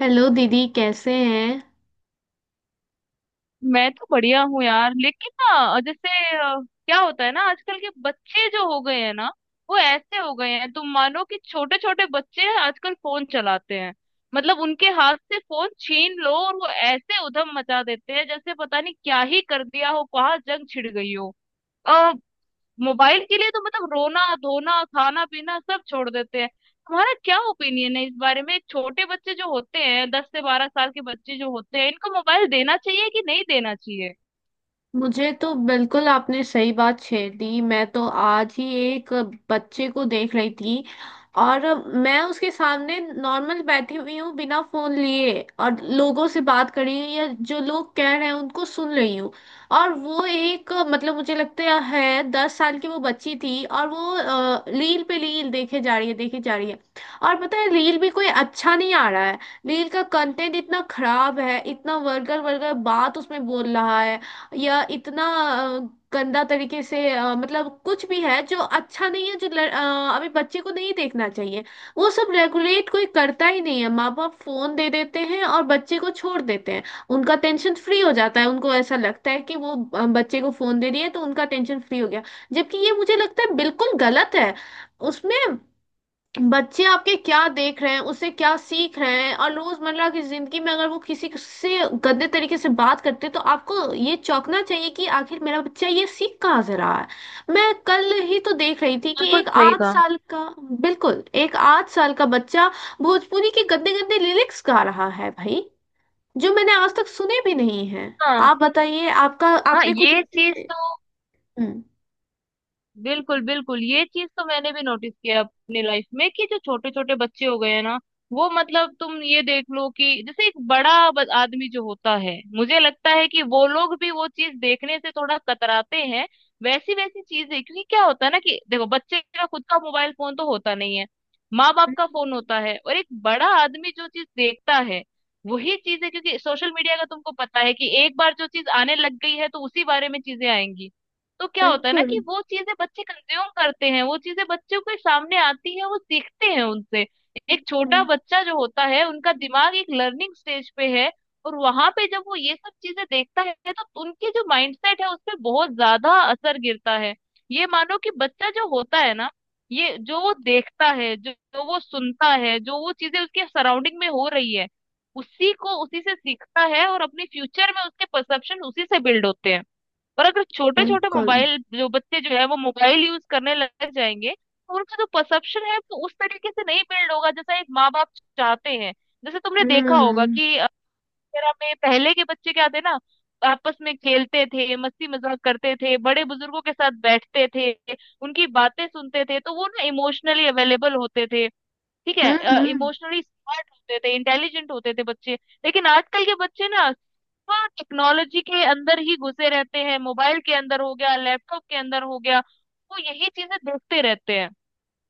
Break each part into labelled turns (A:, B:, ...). A: Hello दीदी, कैसे हैं?
B: मैं तो बढ़िया हूँ यार। लेकिन ना, जैसे अ, क्या होता है ना, आजकल के बच्चे जो हो गए हैं ना, वो ऐसे हो गए हैं। तुम मानो कि छोटे छोटे बच्चे हैं, आजकल फोन चलाते हैं। मतलब उनके हाथ से फोन छीन लो और वो ऐसे उधम मचा देते हैं जैसे पता नहीं क्या ही कर दिया हो, कहाँ जंग छिड़ गई हो। आ, मोबाइल के लिए तो मतलब रोना धोना खाना पीना सब छोड़ देते हैं। तुम्हारा क्या ओपिनियन है इस बारे में? छोटे बच्चे जो होते हैं, दस से बारह साल के बच्चे जो होते हैं, इनको मोबाइल देना चाहिए कि नहीं देना चाहिए?
A: मुझे तो बिल्कुल आपने सही बात छेड़ दी। मैं तो आज ही एक बच्चे को देख रही थी और मैं उसके सामने नॉर्मल बैठी हुई हूँ, बिना फोन लिए, और लोगों से बात कर रही हूँ या जो लोग कह रहे हैं उनको सुन रही हूँ। और वो एक, मतलब, मुझे लगता है 10 साल की वो बच्ची थी, और वो रील पे रील देखे जा रही है, देखे जा रही है। और पता है, रील भी कोई अच्छा नहीं आ रहा है। रील का कंटेंट इतना खराब है, इतना वर्गर वर्गर बात उसमें बोल रहा है, या इतना गंदा तरीके से, मतलब, कुछ भी है जो अच्छा नहीं है, जो अभी बच्चे को नहीं देखना चाहिए। वो सब रेगुलेट कोई करता ही नहीं है। माँ बाप फोन दे देते हैं और बच्चे को छोड़ देते हैं। उनका टेंशन फ्री हो जाता है। उनको ऐसा लगता है कि वो बच्चे को फोन दे दिए तो उनका टेंशन फ्री हो गया, जबकि ये मुझे लगता है बिल्कुल गलत है। उसमें बच्चे आपके क्या देख रहे हैं, उससे क्या सीख रहे हैं, और रोजमर्रा की जिंदगी में अगर वो किसी से गंदे तरीके से बात करते हैं तो आपको ये चौंकना चाहिए कि आखिर मेरा बच्चा ये सीख कहाँ से रहा है। मैं कल ही तो देख रही थी कि
B: बिल्कुल
A: एक
B: सही
A: आठ
B: कहा।
A: साल का, बिल्कुल, एक 8 साल का बच्चा भोजपुरी के गंदे गंदे लिरिक्स गा रहा है, भाई, जो मैंने आज तक सुने भी नहीं है।
B: हाँ
A: आप बताइए, आपका,
B: हाँ,
A: आपने कुछ
B: ये
A: ऐसे।
B: चीज तो
A: हम्म।
B: बिल्कुल बिल्कुल, ये चीज तो मैंने भी नोटिस किया है अपनी लाइफ में, कि जो छोटे छोटे बच्चे हो गए हैं ना, वो मतलब तुम ये देख लो कि जैसे एक बड़ा आदमी जो होता है, मुझे लगता है कि वो लोग भी वो चीज देखने से थोड़ा कतराते हैं, वैसी वैसी चीजें। क्योंकि क्या होता है ना, कि देखो, बच्चे का खुद का मोबाइल फोन तो होता नहीं है, माँ बाप का फोन होता है, और एक बड़ा आदमी जो चीज देखता है वही चीज है। क्योंकि सोशल मीडिया का तुमको पता है कि एक बार जो चीज आने लग गई है तो उसी बारे में चीजें आएंगी। तो क्या होता है ना,
A: बिल्कुल।
B: कि वो चीजें बच्चे कंज्यूम करते हैं, वो चीजें बच्चों के सामने आती है, वो सीखते हैं उनसे। एक छोटा
A: हम्म।
B: बच्चा जो होता है, उनका दिमाग एक लर्निंग स्टेज पे है, और वहां पे जब वो ये सब चीजें देखता है तो उनकी जो माइंडसेट है उस पे बहुत ज्यादा असर गिरता है। ये मानो कि बच्चा जो होता है ना, ये जो वो देखता है, जो वो सुनता है, जो वो चीजें उसके सराउंडिंग में हो रही है, उसी को उसी से सीखता है, और अपने फ्यूचर में उसके परसेप्शन उसी से बिल्ड होते हैं। और अगर छोटे छोटे
A: बिल्कुल।
B: मोबाइल जो बच्चे जो है वो मोबाइल यूज करने लग जाएंगे, तो उनका जो परसेप्शन है वो उस तरीके से नहीं बिल्ड होगा जैसा एक माँ बाप चाहते हैं। जैसे तुमने
A: हम्म।
B: देखा होगा
A: हम्म।
B: कि अगर हमें पहले के बच्चे क्या थे ना, आपस में खेलते थे, मस्ती मजाक करते थे, बड़े बुजुर्गों के साथ बैठते थे, उनकी बातें सुनते थे, तो वो ना इमोशनली अवेलेबल होते थे। ठीक है,
A: हम्म।
B: इमोशनली स्मार्ट होते थे, इंटेलिजेंट होते थे बच्चे। लेकिन आजकल के बच्चे ना, हाँ, टेक्नोलॉजी के अंदर ही घुसे रहते हैं, मोबाइल के अंदर हो गया, लैपटॉप के अंदर हो गया, वो यही चीजें देखते रहते हैं,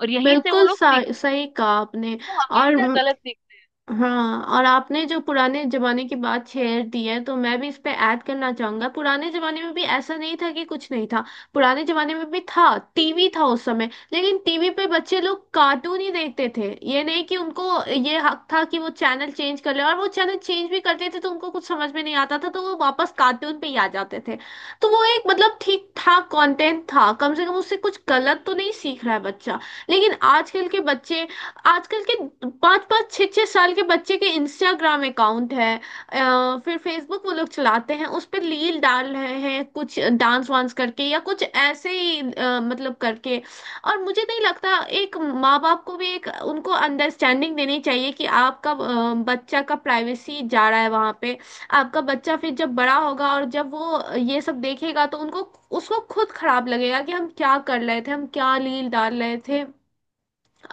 B: और यहीं से वो
A: बिल्कुल
B: लोग सीखते
A: सही कहा आपने।
B: हैं। वो
A: और
B: हमेशा गलत सीखते हैं।
A: हाँ, और आपने जो पुराने जमाने की बात छेड़ दी है, तो मैं भी इस पे ऐड करना चाहूंगा। पुराने जमाने में भी ऐसा नहीं था कि कुछ नहीं था। पुराने जमाने में भी था, टीवी था उस समय, लेकिन टीवी पे बच्चे लोग कार्टून ही देखते थे। ये नहीं कि उनको ये हक था कि वो चैनल चेंज कर ले, और वो चैनल चेंज भी करते थे तो उनको कुछ समझ में नहीं आता था, तो वो वापस कार्टून पे ही आ जाते थे। तो वो एक, मतलब, ठीक ठाक कंटेंट था। कम से कम उससे कुछ गलत तो नहीं सीख रहा है बच्चा। लेकिन आजकल के बच्चे, आजकल के पाँच पाँच छः छः साल के बच्चे के इंस्टाग्राम अकाउंट है। फिर फेसबुक वो लोग चलाते हैं, उस पर रील डाल रहे हैं, कुछ डांस वांस करके या कुछ ऐसे ही, मतलब, करके। और मुझे नहीं लगता, एक माँ बाप को भी एक उनको अंडरस्टैंडिंग देनी चाहिए कि आपका बच्चा का प्राइवेसी जा रहा है वहाँ पे। आपका बच्चा फिर जब बड़ा होगा और जब वो ये सब देखेगा तो उनको, उसको खुद खराब लगेगा कि हम क्या कर रहे थे, हम क्या रील डाल रहे थे।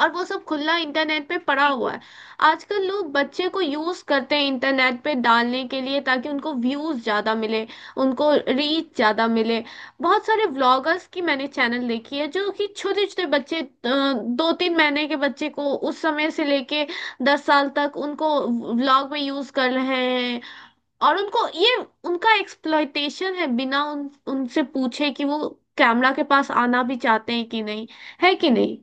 A: और वो सब खुला इंटरनेट पे पड़ा हुआ
B: बिल्कुल
A: है। आजकल लोग बच्चे को यूज करते हैं इंटरनेट पे डालने के लिए, ताकि उनको व्यूज ज्यादा मिले, उनको रीच ज्यादा मिले। बहुत सारे व्लॉगर्स की मैंने चैनल देखी है, जो कि छोटे छोटे बच्चे, 2 3 महीने के बच्चे को, उस समय से लेके 10 साल तक उनको व्लॉग में यूज कर रहे हैं। और उनको ये, उनका एक्सप्लॉयटेशन है, बिना उन उनसे पूछे कि वो कैमरा के पास आना भी चाहते हैं कि नहीं, है कि नहीं।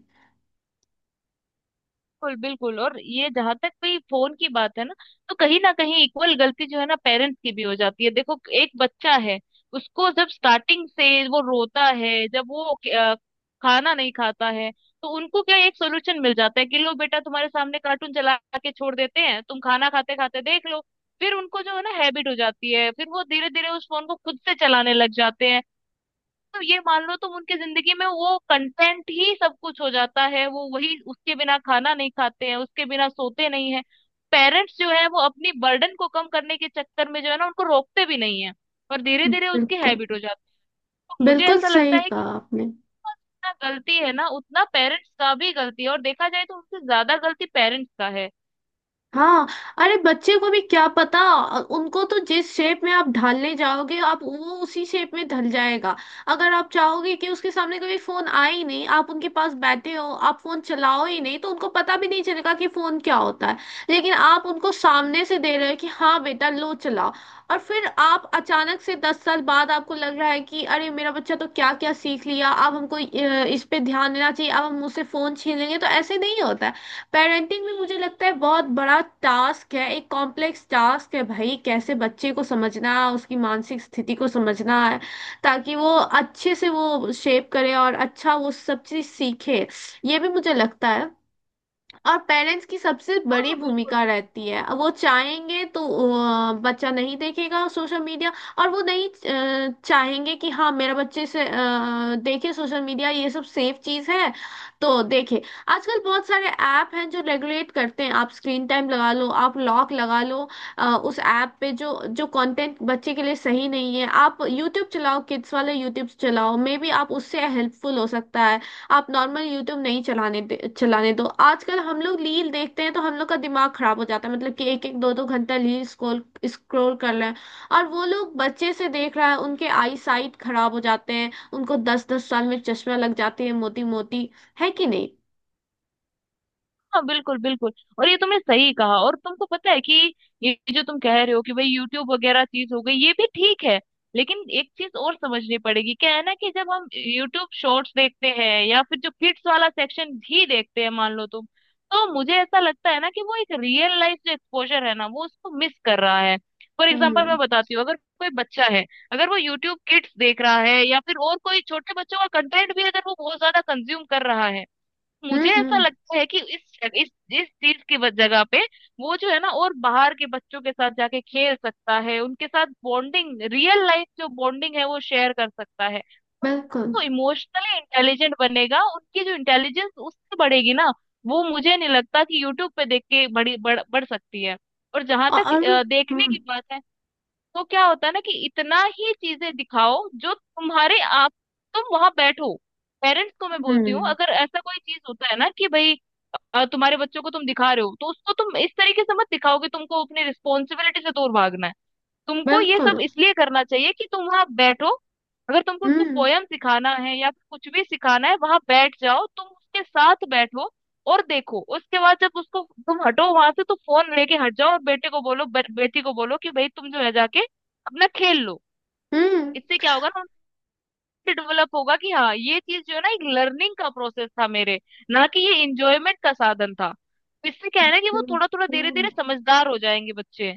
B: बिल्कुल बिल्कुल, और ये जहां तक भी फोन की बात है ना, तो कहीं ना कहीं इक्वल गलती जो है ना पेरेंट्स की भी हो जाती है। देखो, एक बच्चा है, उसको जब स्टार्टिंग से वो रोता है, जब वो अ, खाना नहीं खाता है, तो उनको क्या एक सोल्यूशन मिल जाता है कि लो बेटा, तुम्हारे सामने कार्टून चला के छोड़ देते हैं, तुम खाना खाते खाते देख लो। फिर उनको जो है ना हैबिट हो जाती है, फिर वो धीरे धीरे उस फोन को खुद से चलाने लग जाते हैं। तो ये मान लो तुम, उनकी जिंदगी में वो कंटेंट ही सब कुछ हो जाता है, वो वही, उसके बिना खाना नहीं खाते हैं, उसके बिना सोते नहीं है। पेरेंट्स जो है वो अपनी बर्डन को कम करने के चक्कर में जो है ना उनको रोकते भी नहीं है, और धीरे धीरे उसकी
A: बिल्कुल।
B: हैबिट हो जाती है। तो मुझे
A: बिल्कुल
B: ऐसा लगता
A: सही
B: है कि
A: कहा आपने।
B: जितना गलती है ना उतना पेरेंट्स का भी गलती है, और देखा जाए तो उनसे ज्यादा गलती पेरेंट्स का है।
A: हाँ, अरे, बच्चे को भी क्या पता? उनको तो जिस शेप में आप ढालने जाओगे आप, वो उसी शेप में ढल जाएगा। अगर आप चाहोगे कि उसके सामने कभी फोन आए ही नहीं, आप उनके पास बैठे हो, आप फोन चलाओ ही नहीं, तो उनको पता भी नहीं चलेगा कि फोन क्या होता है। लेकिन आप उनको सामने से दे रहे हो कि हाँ बेटा लो चलाओ, और फिर आप अचानक से 10 साल बाद आपको लग रहा है कि अरे मेरा बच्चा तो क्या क्या सीख लिया, अब हमको, इस पे ध्यान देना चाहिए, अब हम मुझसे फोन छीन लेंगे, तो ऐसे नहीं होता है। पेरेंटिंग भी मुझे लगता है बहुत बड़ा टास्क है, एक कॉम्प्लेक्स टास्क है भाई, कैसे बच्चे को समझना, उसकी मानसिक स्थिति को समझना है, ताकि वो अच्छे से वो शेप करे और अच्छा वो सब चीज सीखे। ये भी मुझे लगता है। और पेरेंट्स की सबसे
B: हाँ
A: बड़ी
B: हाँ बिल्कुल।
A: भूमिका रहती है। वो चाहेंगे तो बच्चा नहीं देखेगा सोशल मीडिया, और वो नहीं चाहेंगे कि हाँ मेरा बच्चे से देखे सोशल मीडिया, ये सब सेफ चीज है तो देखे। आजकल बहुत सारे ऐप हैं जो रेगुलेट करते हैं, आप स्क्रीन टाइम लगा लो, आप लॉक लगा लो उस ऐप पे, जो जो कंटेंट बच्चे के लिए सही नहीं है। आप यूट्यूब चलाओ, किड्स वाले यूट्यूब चलाओ, मे बी आप उससे हेल्पफुल हो सकता है। आप नॉर्मल यूट्यूब नहीं चलाने दे, चलाने दो। आजकल हम लोग रील देखते हैं तो हम लोग का दिमाग खराब हो जाता है, मतलब कि एक एक दो दो घंटा रील स्क्रॉल स्क्रॉल कर रहे हैं। और वो लोग, बच्चे से देख रहा है, उनके आई साइट खराब हो जाते हैं, उनको 10 10 साल में चश्मा लग जाती है, मोटी मोटी, है कि नहीं?
B: हाँ बिल्कुल बिल्कुल, और ये तुमने सही कहा। और तुमको पता है कि ये जो तुम कह रहे हो कि भाई यूट्यूब वगैरह चीज हो गई, ये भी ठीक है। लेकिन एक चीज और समझनी पड़ेगी, क्या है ना कि जब हम यूट्यूब शॉर्ट्स देखते हैं या फिर जो किड्स वाला सेक्शन भी देखते हैं मान लो तुम, तो मुझे ऐसा लगता है ना कि वो एक रियल लाइफ जो एक्सपोजर है ना वो उसको मिस कर रहा है। फॉर एग्जाम्पल
A: हम्म।
B: मैं बताती हूँ, अगर कोई बच्चा है, अगर वो यूट्यूब किड्स देख रहा है या फिर और कोई छोटे बच्चों का कंटेंट भी अगर वो बहुत ज्यादा कंज्यूम कर रहा है,
A: हम्म।
B: मुझे ऐसा
A: हम्म।
B: लगता है कि इस इस चीज की जगह पे वो जो है ना और बाहर के बच्चों के साथ जाके खेल सकता है, उनके साथ बॉन्डिंग, रियल लाइफ जो बॉन्डिंग है वो शेयर कर सकता है। उस-
A: बिल्कुल।
B: तो इमोशनली इंटेलिजेंट बनेगा, उनकी जो इंटेलिजेंस उससे बढ़ेगी ना। वो मुझे नहीं लगता कि यूट्यूब पे देख के बड़ी बढ़ बढ़ सकती है। और जहां
A: और
B: तक
A: और।
B: देखने
A: हम्म।
B: की बात है, तो क्या होता है ना कि इतना ही चीजें दिखाओ जो तुम्हारे आप, तुम वहां बैठो। पेरेंट्स को मैं बोलती हूँ,
A: हम्म।
B: अगर ऐसा कोई चीज होता है ना कि भाई, तुम्हारे बच्चों को तुम दिखा रहे हो, तो उसको तुम इस तरीके से मत दिखाओ कि तुमको अपनी रिस्पॉन्सिबिलिटी से दूर भागना है। तुमको ये
A: बिल्कुल।
B: सब इसलिए करना चाहिए कि तुम वहां बैठो। अगर तुमको उसको
A: हम्म।
B: पोयम सिखाना है या फिर कुछ भी सिखाना है, वहां बैठ जाओ, तुम उसके साथ बैठो, और देखो उसके बाद जब उसको तुम हटो वहां से, तो फोन लेके हट जाओ और बेटे को बोलो, बेटी को बोलो कि भाई तुम जो है जाके अपना खेल लो।
A: हम्म।
B: इससे क्या होगा ना, उनको डेवलप होगा कि हाँ, ये चीज जो है ना एक लर्निंग का प्रोसेस था मेरे, ना कि ये इंजॉयमेंट का साधन था। इससे क्या है ना कि वो
A: हम्म।
B: थोड़ा थोड़ा धीरे
A: हम्म।
B: धीरे समझदार हो जाएंगे बच्चे।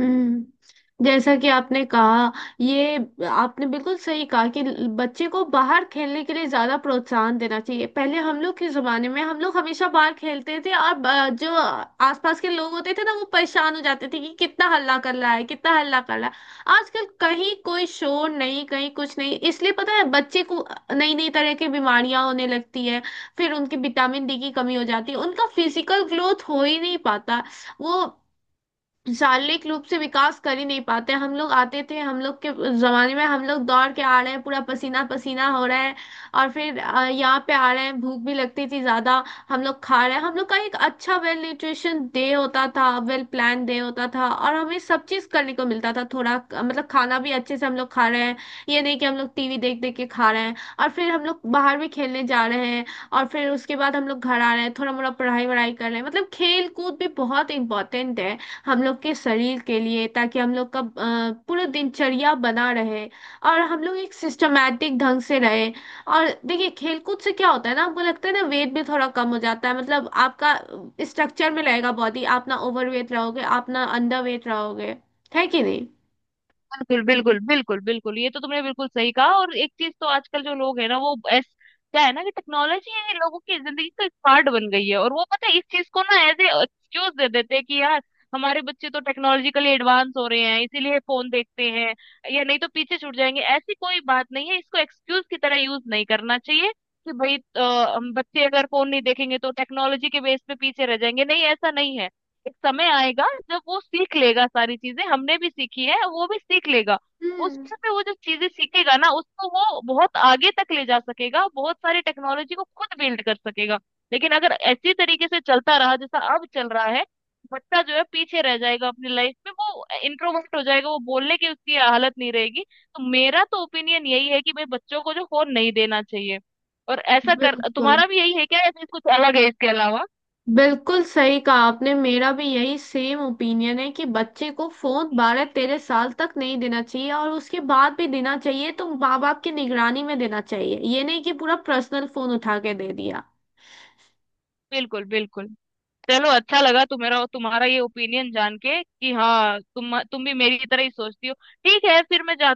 A: हम्म। जैसा कि आपने कहा, ये, आपने बिल्कुल सही कहा कि बच्चे को बाहर खेलने के लिए ज्यादा प्रोत्साहन देना चाहिए। पहले हम लोग के जमाने में हम लोग हमेशा बाहर खेलते थे, और जो आसपास के लोग होते थे ना वो परेशान हो जाते थे कि कितना हल्ला कर रहा है, कितना हल्ला कर रहा है। आजकल कहीं कोई शोर नहीं, कहीं कुछ नहीं, इसलिए पता है बच्चे को नई नई तरह की बीमारियां होने लगती है। फिर उनकी विटामिन डी की कमी हो जाती है, उनका फिजिकल ग्रोथ हो ही नहीं पाता, वो शारीरिक रूप से विकास कर ही नहीं पाते। हम लोग आते थे, हम लोग के जमाने में हम लोग दौड़ के आ रहे हैं, पूरा पसीना पसीना हो रहा है, और फिर यहाँ पे आ रहे हैं, भूख भी लगती थी ज्यादा, हम लोग खा रहे हैं। हम लोग का एक अच्छा वेल न्यूट्रिशन डे होता था, वेल प्लान डे होता था, और हमें सब चीज करने को मिलता था थोड़ा, मतलब, खाना भी अच्छे से हम लोग खा रहे हैं। ये नहीं कि हम लोग टीवी देख देख के खा रहे हैं, और फिर हम लोग बाहर भी खेलने जा रहे हैं, और फिर उसके बाद हम लोग घर आ रहे हैं, थोड़ा मोड़ा पढ़ाई वढ़ाई कर रहे हैं। मतलब, खेल कूद भी बहुत इंपॉर्टेंट है हम लोग के शरीर के लिए, ताकि हम लोग का पूरा दिनचर्या बना रहे, और हम लोग एक सिस्टमैटिक ढंग से रहे। और देखिए, खेलकूद से क्या होता है ना, हमको लगता है ना वेट भी थोड़ा कम हो जाता है, मतलब आपका स्ट्रक्चर में रहेगा बॉडी, आप ना ओवरवेट रहोगे, आप ना अंडर वेट रहोगे, है कि नहीं?
B: बिल्कुल बिल्कुल बिल्कुल बिल्कुल, ये तो तुमने बिल्कुल सही कहा। और एक चीज तो आजकल जो लोग है ना वो ऐस क्या है ना कि टेक्नोलॉजी है, लोगों की जिंदगी का एक पार्ट बन गई है, और वो पता है इस चीज को ना एज ए एक्सक्यूज दे देते हैं कि यार हमारे बच्चे तो टेक्नोलॉजिकली एडवांस हो रहे हैं इसीलिए फोन देखते हैं, या नहीं तो पीछे छूट जाएंगे। ऐसी कोई बात नहीं है, इसको एक्सक्यूज की तरह यूज नहीं करना चाहिए कि भाई हम बच्चे अगर फोन नहीं देखेंगे तो टेक्नोलॉजी के बेस पे पीछे रह जाएंगे। नहीं, ऐसा नहीं है। एक समय आएगा जब वो सीख लेगा सारी चीजें, हमने भी सीखी है वो भी सीख लेगा। उस
A: हम्म।
B: समय वो जब चीजें सीखेगा ना, उसको वो बहुत आगे तक ले जा सकेगा, बहुत सारी टेक्नोलॉजी को खुद बिल्ड कर सकेगा। लेकिन अगर ऐसी तरीके से चलता रहा जैसा अब चल रहा है, बच्चा जो है पीछे रह जाएगा अपनी लाइफ में, वो इंट्रोवर्ट हो जाएगा, वो बोलने की उसकी हालत नहीं रहेगी। तो मेरा तो ओपिनियन यही है कि भाई बच्चों को जो फोन नहीं देना चाहिए। और ऐसा कर
A: बिल्कुल।
B: तुम्हारा भी यही है क्या, या फिर कुछ अलग है इसके अलावा?
A: बिल्कुल सही कहा आपने। मेरा भी यही सेम ओपिनियन है कि बच्चे को फोन 12 13 साल तक नहीं देना चाहिए, और उसके बाद भी देना चाहिए तो माँ बाप की निगरानी में देना चाहिए, ये नहीं कि पूरा पर्सनल फोन उठा के दे दिया।
B: बिल्कुल बिल्कुल। चलो, अच्छा लगा तुम्हारा तुम्हारा ये ओपिनियन जान के कि हाँ, तुम भी मेरी तरह ही सोचती हो। ठीक है, फिर मैं जाती